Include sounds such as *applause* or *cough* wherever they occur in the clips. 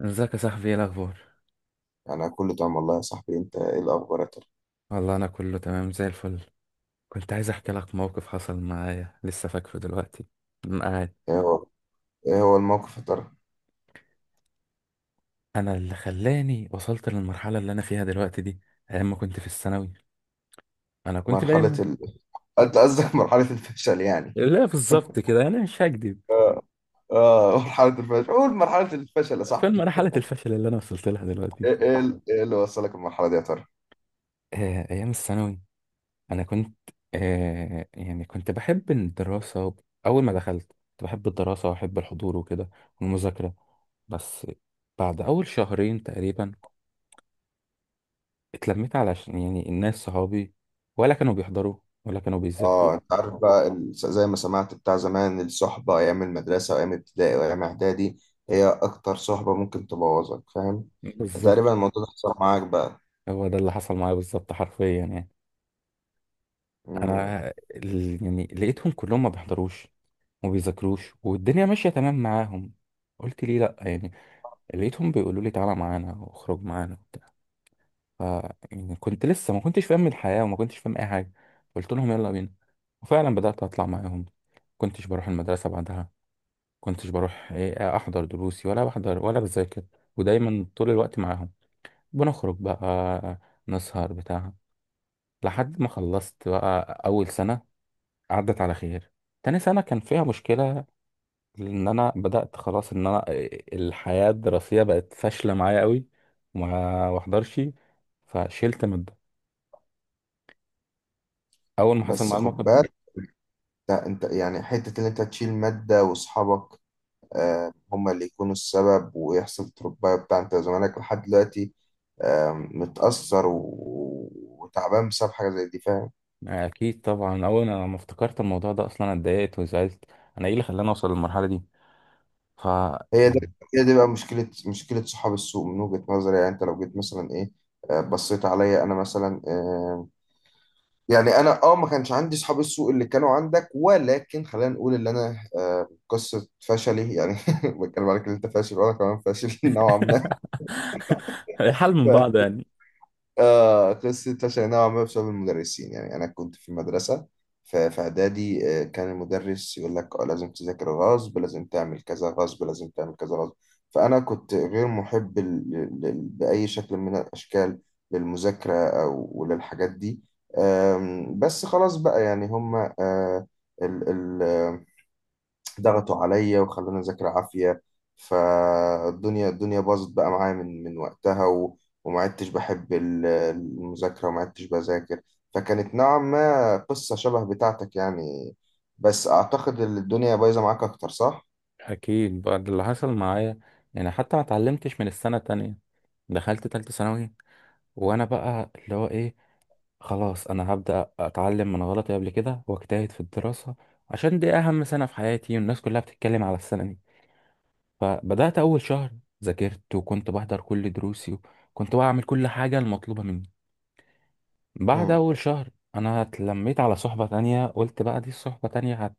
ازيك يا صاحبي؟ ايه الاخبار؟ أنا كله تمام والله يا صاحبي، أنت إيه الأخبار يا ترى؟ والله انا كله تمام زي الفل. كنت عايز احكي لك موقف حصل معايا لسه فاكره دلوقتي. معايا إيه هو، إيه هو الموقف يا ترى؟ انا اللي خلاني وصلت للمرحله اللي انا فيها دلوقتي دي، ايام ما كنت في الثانوي. انا كنت مرحلة دايما ال... *laughs* أنت قصدك مرحلة الفشل يعني. لا بالظبط كده، انا مش هكدب. آه. آه، مرحلة الفشل، قول مرحلة الفشل يا فين صاحبي. مرحله الفشل اللي انا وصلت لها دلوقتي. إيه إيه اللي وصلك المرحلة دي يا ترى؟ آه، ايام الثانوي. انا كنت يعني كنت بحب الدراسه اول ما دخلت كنت بحب الدراسه واحب الحضور وكده، والمذاكره. بس بعد اول شهرين تقريبا اتلميت، علشان يعني الناس صحابي ولا كانوا بيحضروا ولا كانوا بيذاكروا. آه، أنت عارف بقى ال-، زي ما سمعت بتاع زمان، الصحبة أيام المدرسة وأيام ابتدائي وأيام إعدادي هي أكتر صحبة ممكن تبوظك، فاهم؟ بالظبط، فتقريبا الموضوع ده حصل معاك بقى. هو ده اللي حصل معايا بالظبط حرفيا يعني. مم. انا يعني لقيتهم كلهم ما بيحضروش وما بيذاكروش، والدنيا ماشيه تمام معاهم. قلت ليه لا يعني. لقيتهم بيقولوا لي تعالى معانا واخرج معانا وبتاع. ف يعني كنت لسه ما كنتش فاهم الحياه وما كنتش فاهم اي حاجه. قلت لهم يلا بينا، وفعلا بدات اطلع معاهم. كنتش بروح المدرسه بعدها، كنتش بروح ايه، احضر دروسي ولا بحضر ولا بذاكر، ودايما طول الوقت معاهم. بنخرج بقى، نسهر بتاع. لحد ما خلصت بقى اول سنة، عدت على خير. تاني سنة كان فيها مشكلة، لان انا بدأت خلاص ان انا إيه، الحياة الدراسية بقت فاشلة معايا قوي وما واحضرش، فشلت مادة. اول ما حصل بس معايا خد الموقف ده، بالك، لا، أنت يعني حتة إن أنت تشيل مادة وأصحابك هما اللي يكونوا السبب، ويحصل تربايه بتاع، انت زمانك لحد دلوقتي متأثر وتعبان بسبب حاجة زي دي، فاهم؟ اكيد طبعا اول ما افتكرت الموضوع ده اصلا أنا اتضايقت وزعلت. انا ايه اللي خلاني اوصل للمرحلة دي؟ ف هي ده يعني هي دي بقى مشكلة، مشكلة صحاب السوق من وجهة نظري. يعني انت لو جيت مثلا ايه، بصيت عليا انا مثلا، يعني انا ما كانش عندي صحاب السوق اللي كانوا عندك، ولكن خلينا نقول ان انا، قصة فشلي يعني *laughs* بتكلم عليك ان انت فاشل وانا كمان فاشل *laughs* نوعا ما. *laughs* الحال من بعض يعني. آه، قصة اتلاشى نوعا ما بسبب المدرسين. يعني أنا كنت في مدرسة في إعدادي، كان المدرس يقول لك، لازم تذاكر غصب، لازم تعمل كذا غصب، لازم تعمل كذا غصب. فأنا كنت غير محب بأي شكل من الأشكال للمذاكرة أو وللحاجات دي. بس خلاص بقى، يعني هما ضغطوا عليا وخلوني اذاكر عافيه. فالدنيا باظت بقى معايا من وقتها و... وما عدتش بحب المذاكره وما عدتش بذاكر. فكانت نوعا ما قصه شبه بتاعتك يعني. بس اعتقد ان الدنيا بايظه معاك اكتر، صح؟ اكيد بعد اللي حصل معايا، يعني حتى ما اتعلمتش من السنه التانية. دخلت تالتة ثانوي وانا بقى اللي هو ايه، خلاص انا هبدا اتعلم من غلطي قبل كده واجتهد في الدراسه، عشان دي اهم سنه في حياتي والناس كلها بتتكلم على السنه دي. فبدات اول شهر ذاكرت، وكنت بحضر كل دروسي وكنت بعمل كل حاجه المطلوبه مني. بعد مم. أول شهر أنا اتلميت على صحبة تانية. قلت بقى دي الصحبة تانية هت،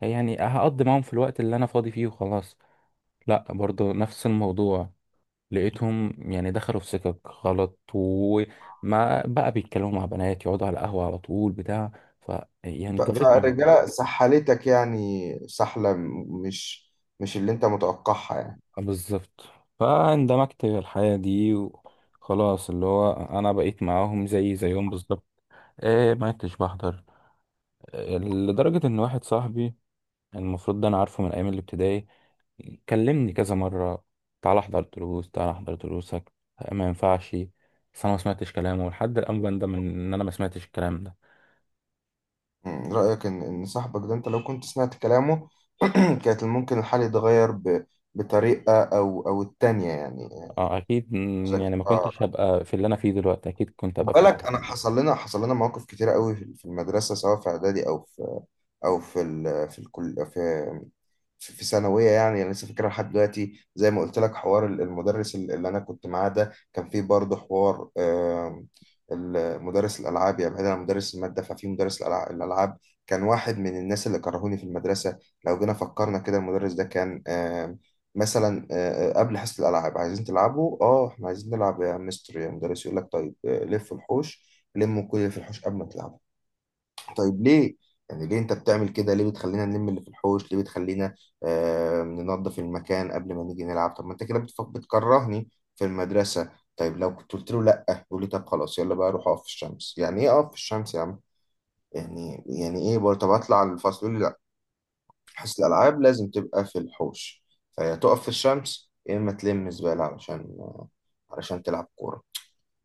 يعني هقضي معاهم في الوقت اللي أنا فاضي فيه وخلاص. لأ، برضو نفس الموضوع. لقيتهم يعني دخلوا في سكك غلط، وما بقى بيتكلموا مع بنات، يقعدوا على القهوة على طول بتاع. ف يعني جريت مني. فالرجاله سحلتك، يعني سحله مش اللي انت متوقعها يعني. بالظبط، فاندمجت في الحياة دي وخلاص، اللي هو أنا بقيت معاهم زي زيهم بالظبط. إيه، ما كنتش بحضر. آه، لدرجة إن واحد صاحبي، يعني المفروض ده انا عارفه من ايام الابتدائي، كلمني كذا مره: تعال احضر دروس، تعال احضر دروسك، ما ينفعش. بس انا ما سمعتش كلامه، لحد الان بندم ان انا ما سمعتش الكلام ده. مم، رأيك إن صاحبك ده، أنت لو كنت سمعت كلامه *clears throat* كانت ممكن الحال يتغير ب... بطريقة أو التانية يعني. اه اكيد ذكي، يعني ما آه. كنتش هبقى في اللي انا فيه دلوقتي، اكيد كنت خد هبقى في مكان بالك، انا تاني. حصل لنا حصل لنا مواقف كتيره قوي في المدرسه، سواء في اعدادي او في او في ال في الكل في في في ثانويه. يعني انا لسه فاكرها لحد دلوقتي. زي ما قلت لك، حوار المدرس اللي انا كنت معاه ده، كان فيه برضه حوار، مدرس الالعاب. يعني بعيدا عن مدرس الماده، ففي مدرس الالعاب كان واحد من الناس اللي كرهوني في المدرسه. لو جينا فكرنا كده، المدرس ده كان مثلا، قبل حصة الألعاب عايزين تلعبوا، احنا عايزين نلعب يا مستر يا مدرس، يقول لك طيب، لف الحوش، لموا كل اللي في الحوش قبل ما تلعبوا. طيب ليه؟ يعني ليه انت بتعمل كده؟ ليه بتخلينا نلم اللي في الحوش؟ ليه بتخلينا آه ننظف المكان قبل ما نيجي نلعب؟ طب ما انت كده بتكرهني في المدرسة. طيب لو كنت قلت له لا، يقول لي طب خلاص يلا بقى روح اقف في الشمس. يعني ايه اقف في الشمس يا عم؟ يعني ايه برضه؟ طب اطلع الفصل، يقول لي حصة الألعاب لازم تبقى في الحوش. فيا تقف في الشمس يا إما تلم زبالة علشان تلعب كورة.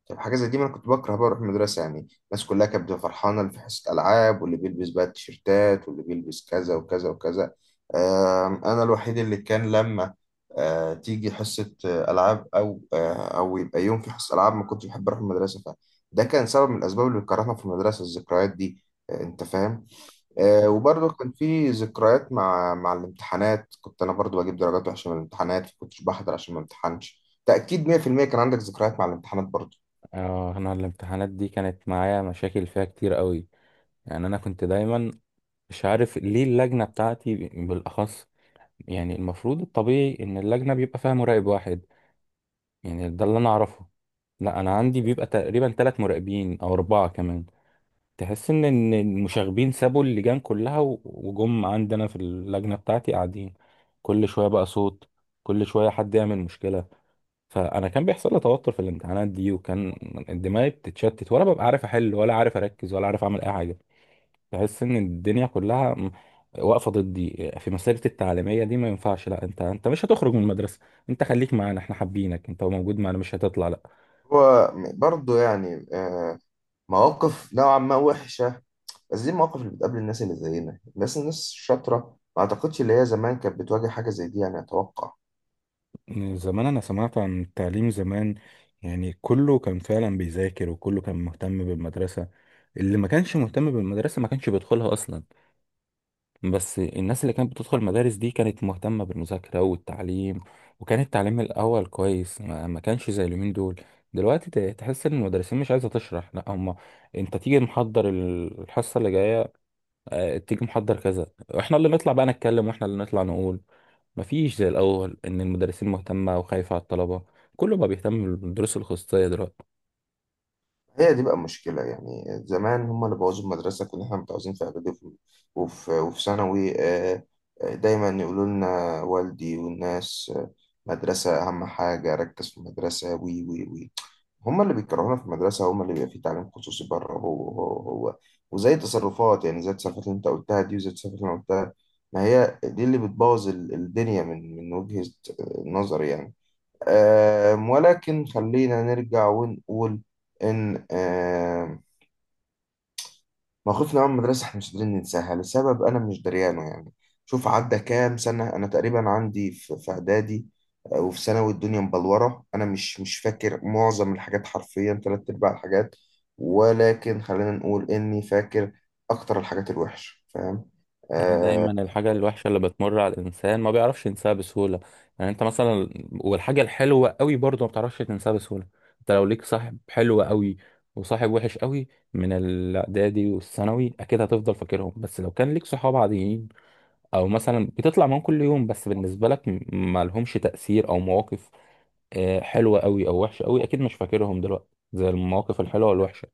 طب حاجة زي دي ما أنا كنت بكره بقى أروح المدرسة يعني. الناس كلها كانت بتبقى فرحانة اللي في حصة ألعاب، واللي بيلبس بقى التيشيرتات، واللي بيلبس كذا وكذا وكذا. أنا الوحيد اللي كان لما تيجي حصة ألعاب، أو أو يبقى يوم في حصة ألعاب ما كنتش بحب أروح المدرسة. فده كان سبب من الأسباب اللي بتكرهنا في المدرسة، الذكريات دي. آه، أنت فاهم. آه، وبرضه كان في ذكريات مع الامتحانات. كنت انا برضه بجيب درجات وحشه من الامتحانات، كنتش بحضر عشان ما امتحنش، تاكيد 100%. كان عندك ذكريات مع الامتحانات برضه؟ اه، انا الامتحانات دي كانت معايا مشاكل فيها كتير قوي. يعني انا كنت دايما مش عارف ليه اللجنه بتاعتي بالاخص. يعني المفروض الطبيعي ان اللجنه بيبقى فيها مراقب واحد، يعني ده اللي انا اعرفه. لا، انا عندي بيبقى تقريبا ثلاث مراقبين او اربعه كمان. تحس إن المشاغبين سابوا اللجان كلها وجم عندنا في اللجنه بتاعتي قاعدين. كل شويه بقى صوت، كل شويه حد يعمل مشكله. فانا كان بيحصل لي توتر في الامتحانات دي، وكان دماغي بتتشتت ولا ببقى عارف احل ولا عارف اركز ولا عارف اعمل اي حاجه. تحس ان الدنيا كلها واقفه ضدي في مسيرتي التعليميه دي. ما ينفعش، لا انت مش هتخرج من المدرسه، انت خليك معانا، احنا حابينك، انت موجود معانا، مش هتطلع. هو برضه يعني، مواقف نوعا ما وحشه. بس دي المواقف اللي بتقابل الناس اللي زينا، الناس الشاطره. ما اعتقدش اللي هي زمان كانت بتواجه حاجه زي دي، يعني اتوقع. زمان أنا سمعت عن التعليم زمان، يعني كله كان فعلا بيذاكر وكله كان مهتم بالمدرسة. اللي ما كانش مهتم بالمدرسة ما كانش بيدخلها أصلا، بس الناس اللي كانت بتدخل المدارس دي كانت مهتمة بالمذاكرة والتعليم. وكان التعليم الأول كويس، ما كانش زي اليومين دول. دلوقتي تحس إن المدرسين مش عايزة تشرح، لا هما أنت تيجي محضر الحصة اللي جاية، آه، تيجي محضر كذا، احنا اللي نطلع بقى نتكلم واحنا اللي نطلع نقول. مفيش زي الاول ان المدرسين مهتمه وخايفه على الطلبه، كله بقى بيهتم بالدروس الخصوصيه دلوقتي. هي دي بقى المشكلة. يعني زمان هم اللي بوظوا المدرسة. كنا احنا متعوزين في إعدادي وفي ثانوي، دايما يقولوا لنا والدي والناس، مدرسة أهم حاجة، ركز في المدرسة، وي وي وي. هم اللي بيكرهونا في المدرسة، هم اللي بيبقى فيه تعليم خصوصي بره. هو وزي تصرفات، يعني زي التصرفات اللي أنت قلتها دي، وزي التصرفات اللي أنا قلتها. ما هي دي اللي بتبوظ الدنيا، من وجهة نظري يعني. ولكن خلينا نرجع ونقول إن، موقفنا مع المدرسة إحنا مش قادرين ننساها، لسبب أنا مش دريانه يعني. شوف عدى كام سنة، أنا تقريبا عندي في إعدادي، وفي ثانوي الدنيا مبلورة، أنا مش فاكر معظم الحاجات، حرفيا تلات أرباع الحاجات، ولكن خلينا نقول إني فاكر أكتر الحاجات الوحشة، فاهم؟ يعني آه، دايما الحاجه الوحشه اللي بتمر على الانسان ما بيعرفش ينساها بسهوله، يعني انت مثلا، والحاجه الحلوه قوي برضه ما بتعرفش تنساها بسهوله. انت لو ليك صاحب حلو قوي وصاحب وحش قوي من الاعدادي والثانوي، اكيد هتفضل فاكرهم. بس لو كان ليك صحاب عاديين او مثلا بتطلع معاهم كل يوم، بس بالنسبه لك ما لهمش تاثير او مواقف آه، حلوة قوي او وحشة قوي، اكيد مش فاكرهم دلوقتي زي المواقف الحلوة والوحشة.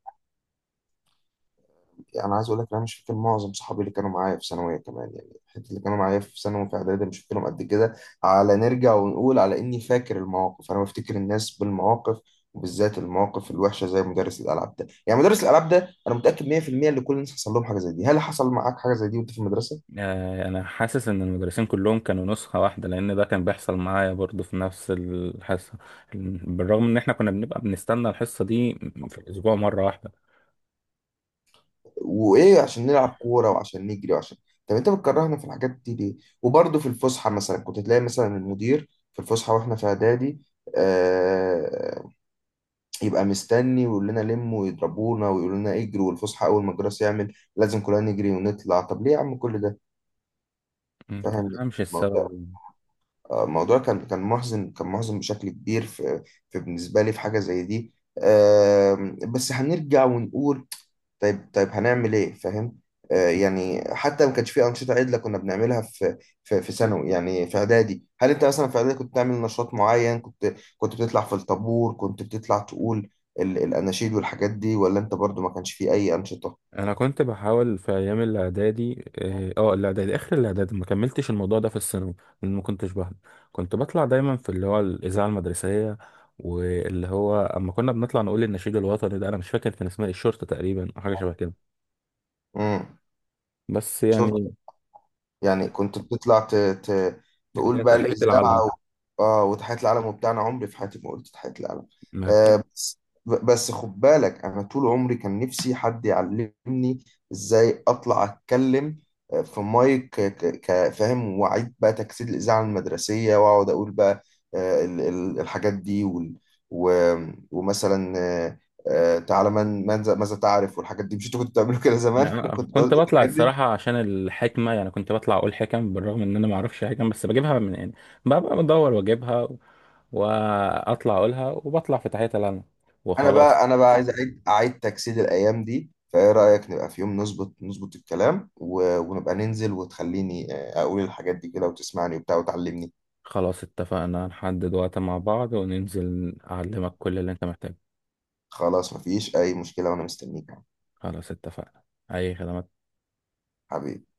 يعني انا عايز اقول لك إن انا مش فاكر معظم صحابي اللي كانوا معايا في ثانويه كمان. يعني الحته اللي كانوا معايا في ثانوي في اعدادي مش فاكرهم قد كده. على نرجع ونقول على اني فاكر المواقف، انا بفتكر الناس بالمواقف، وبالذات المواقف الوحشه زي مدرس الالعاب ده. يعني مدرس الالعاب ده انا متاكد 100% ان كل الناس حصل لهم حاجه زي دي. هل حصل معاك حاجه زي دي وانت في المدرسه؟ آه، انا حاسس ان المدرسين كلهم كانوا نسخة واحدة، لان ده كان بيحصل معايا برضو في نفس الحصة، بالرغم ان احنا كنا بنبقى بنستنى الحصة دي في الاسبوع مرة واحدة. وايه، عشان نلعب كوره وعشان نجري وعشان، طب انت بتكرهنا في الحاجات دي ليه؟ وبرضه في الفسحه مثلا كنت تلاقي مثلا المدير في الفسحه واحنا في اعدادي، آه، يبقى مستني ويقول لنا لموا، ويضربونا ويقول لنا اجروا. والفسحه اول ما الجرس يعمل لازم كلنا نجري ونطلع. طب ليه يا عم كل ده؟ ما فاهم تفهمش الموضوع؟ السبب. آه، الموضوع كان محزن، محزن بشكل كبير في, في، بالنسبه لي في حاجه زي دي. بس هنرجع ونقول، طيب هنعمل ايه، فاهم؟ آه، يعني حتى ما كانش في انشطه عدله كنا بنعملها في ثانوي. يعني في اعدادي، هل انت مثلا في اعدادي كنت تعمل نشاط معين؟ كنت بتطلع في الطابور، كنت بتطلع تقول الاناشيد والحاجات دي، ولا انت برضو ما كانش في اي انشطه؟ انا كنت بحاول في ايام الاعدادي، الاعدادي اخر الاعدادي، ما كملتش الموضوع ده في الثانوي لان ما كنتش بحضر. كنت بطلع دايما في اللي هو الاذاعه المدرسيه، واللي هو اما كنا بنطلع نقول النشيد الوطني ده، انا مش فاكر كان اسمها إيه، الشرطه تقريبا او حاجه شبه كده. امم. بس يعني شرطه. يعني كنت بتطلع اللي تقول هي بقى تحيه العلم. الاذاعه. اه وتحية العلم وبتاعنا. عمري في حياتي ما قلت تحية العلم. ما كنت آه بس، بس خد بالك، انا طول عمري كان نفسي حد يعلمني ازاي اطلع اتكلم، في مايك كفاهم، واعيد بقى تجسيد الاذاعه المدرسيه، واقعد اقول بقى، الحاجات دي، وال و ومثلا، تعالى ماذا تعرف والحاجات دي. مش انتوا كنتوا بتعملوا كده زمان *laughs* أنا كنت كنت بقول بطلع الحاجات. الصراحه عشان الحكمه، يعني كنت بطلع اقول حكم بالرغم ان انا ما اعرفش حكم، بس بجيبها من يعني، ببقى بدور واجيبها واطلع اقولها، وبطلع في تحيه العلم انا وخلاص. بقى، عايز اعيد تجسيد الايام دي. فايه رايك نبقى في يوم نظبط الكلام و... ونبقى ننزل وتخليني، اقول الحاجات دي كده، وتسمعني وبتاع وتعلمني. خلاص اتفقنا، نحدد وقت مع بعض وننزل أعلمك كل اللي أنت محتاجه. خلاص مفيش اي مشكله وانا مستنيك يا عم. خلاص اتفقنا. أي خدمات. حبيبي.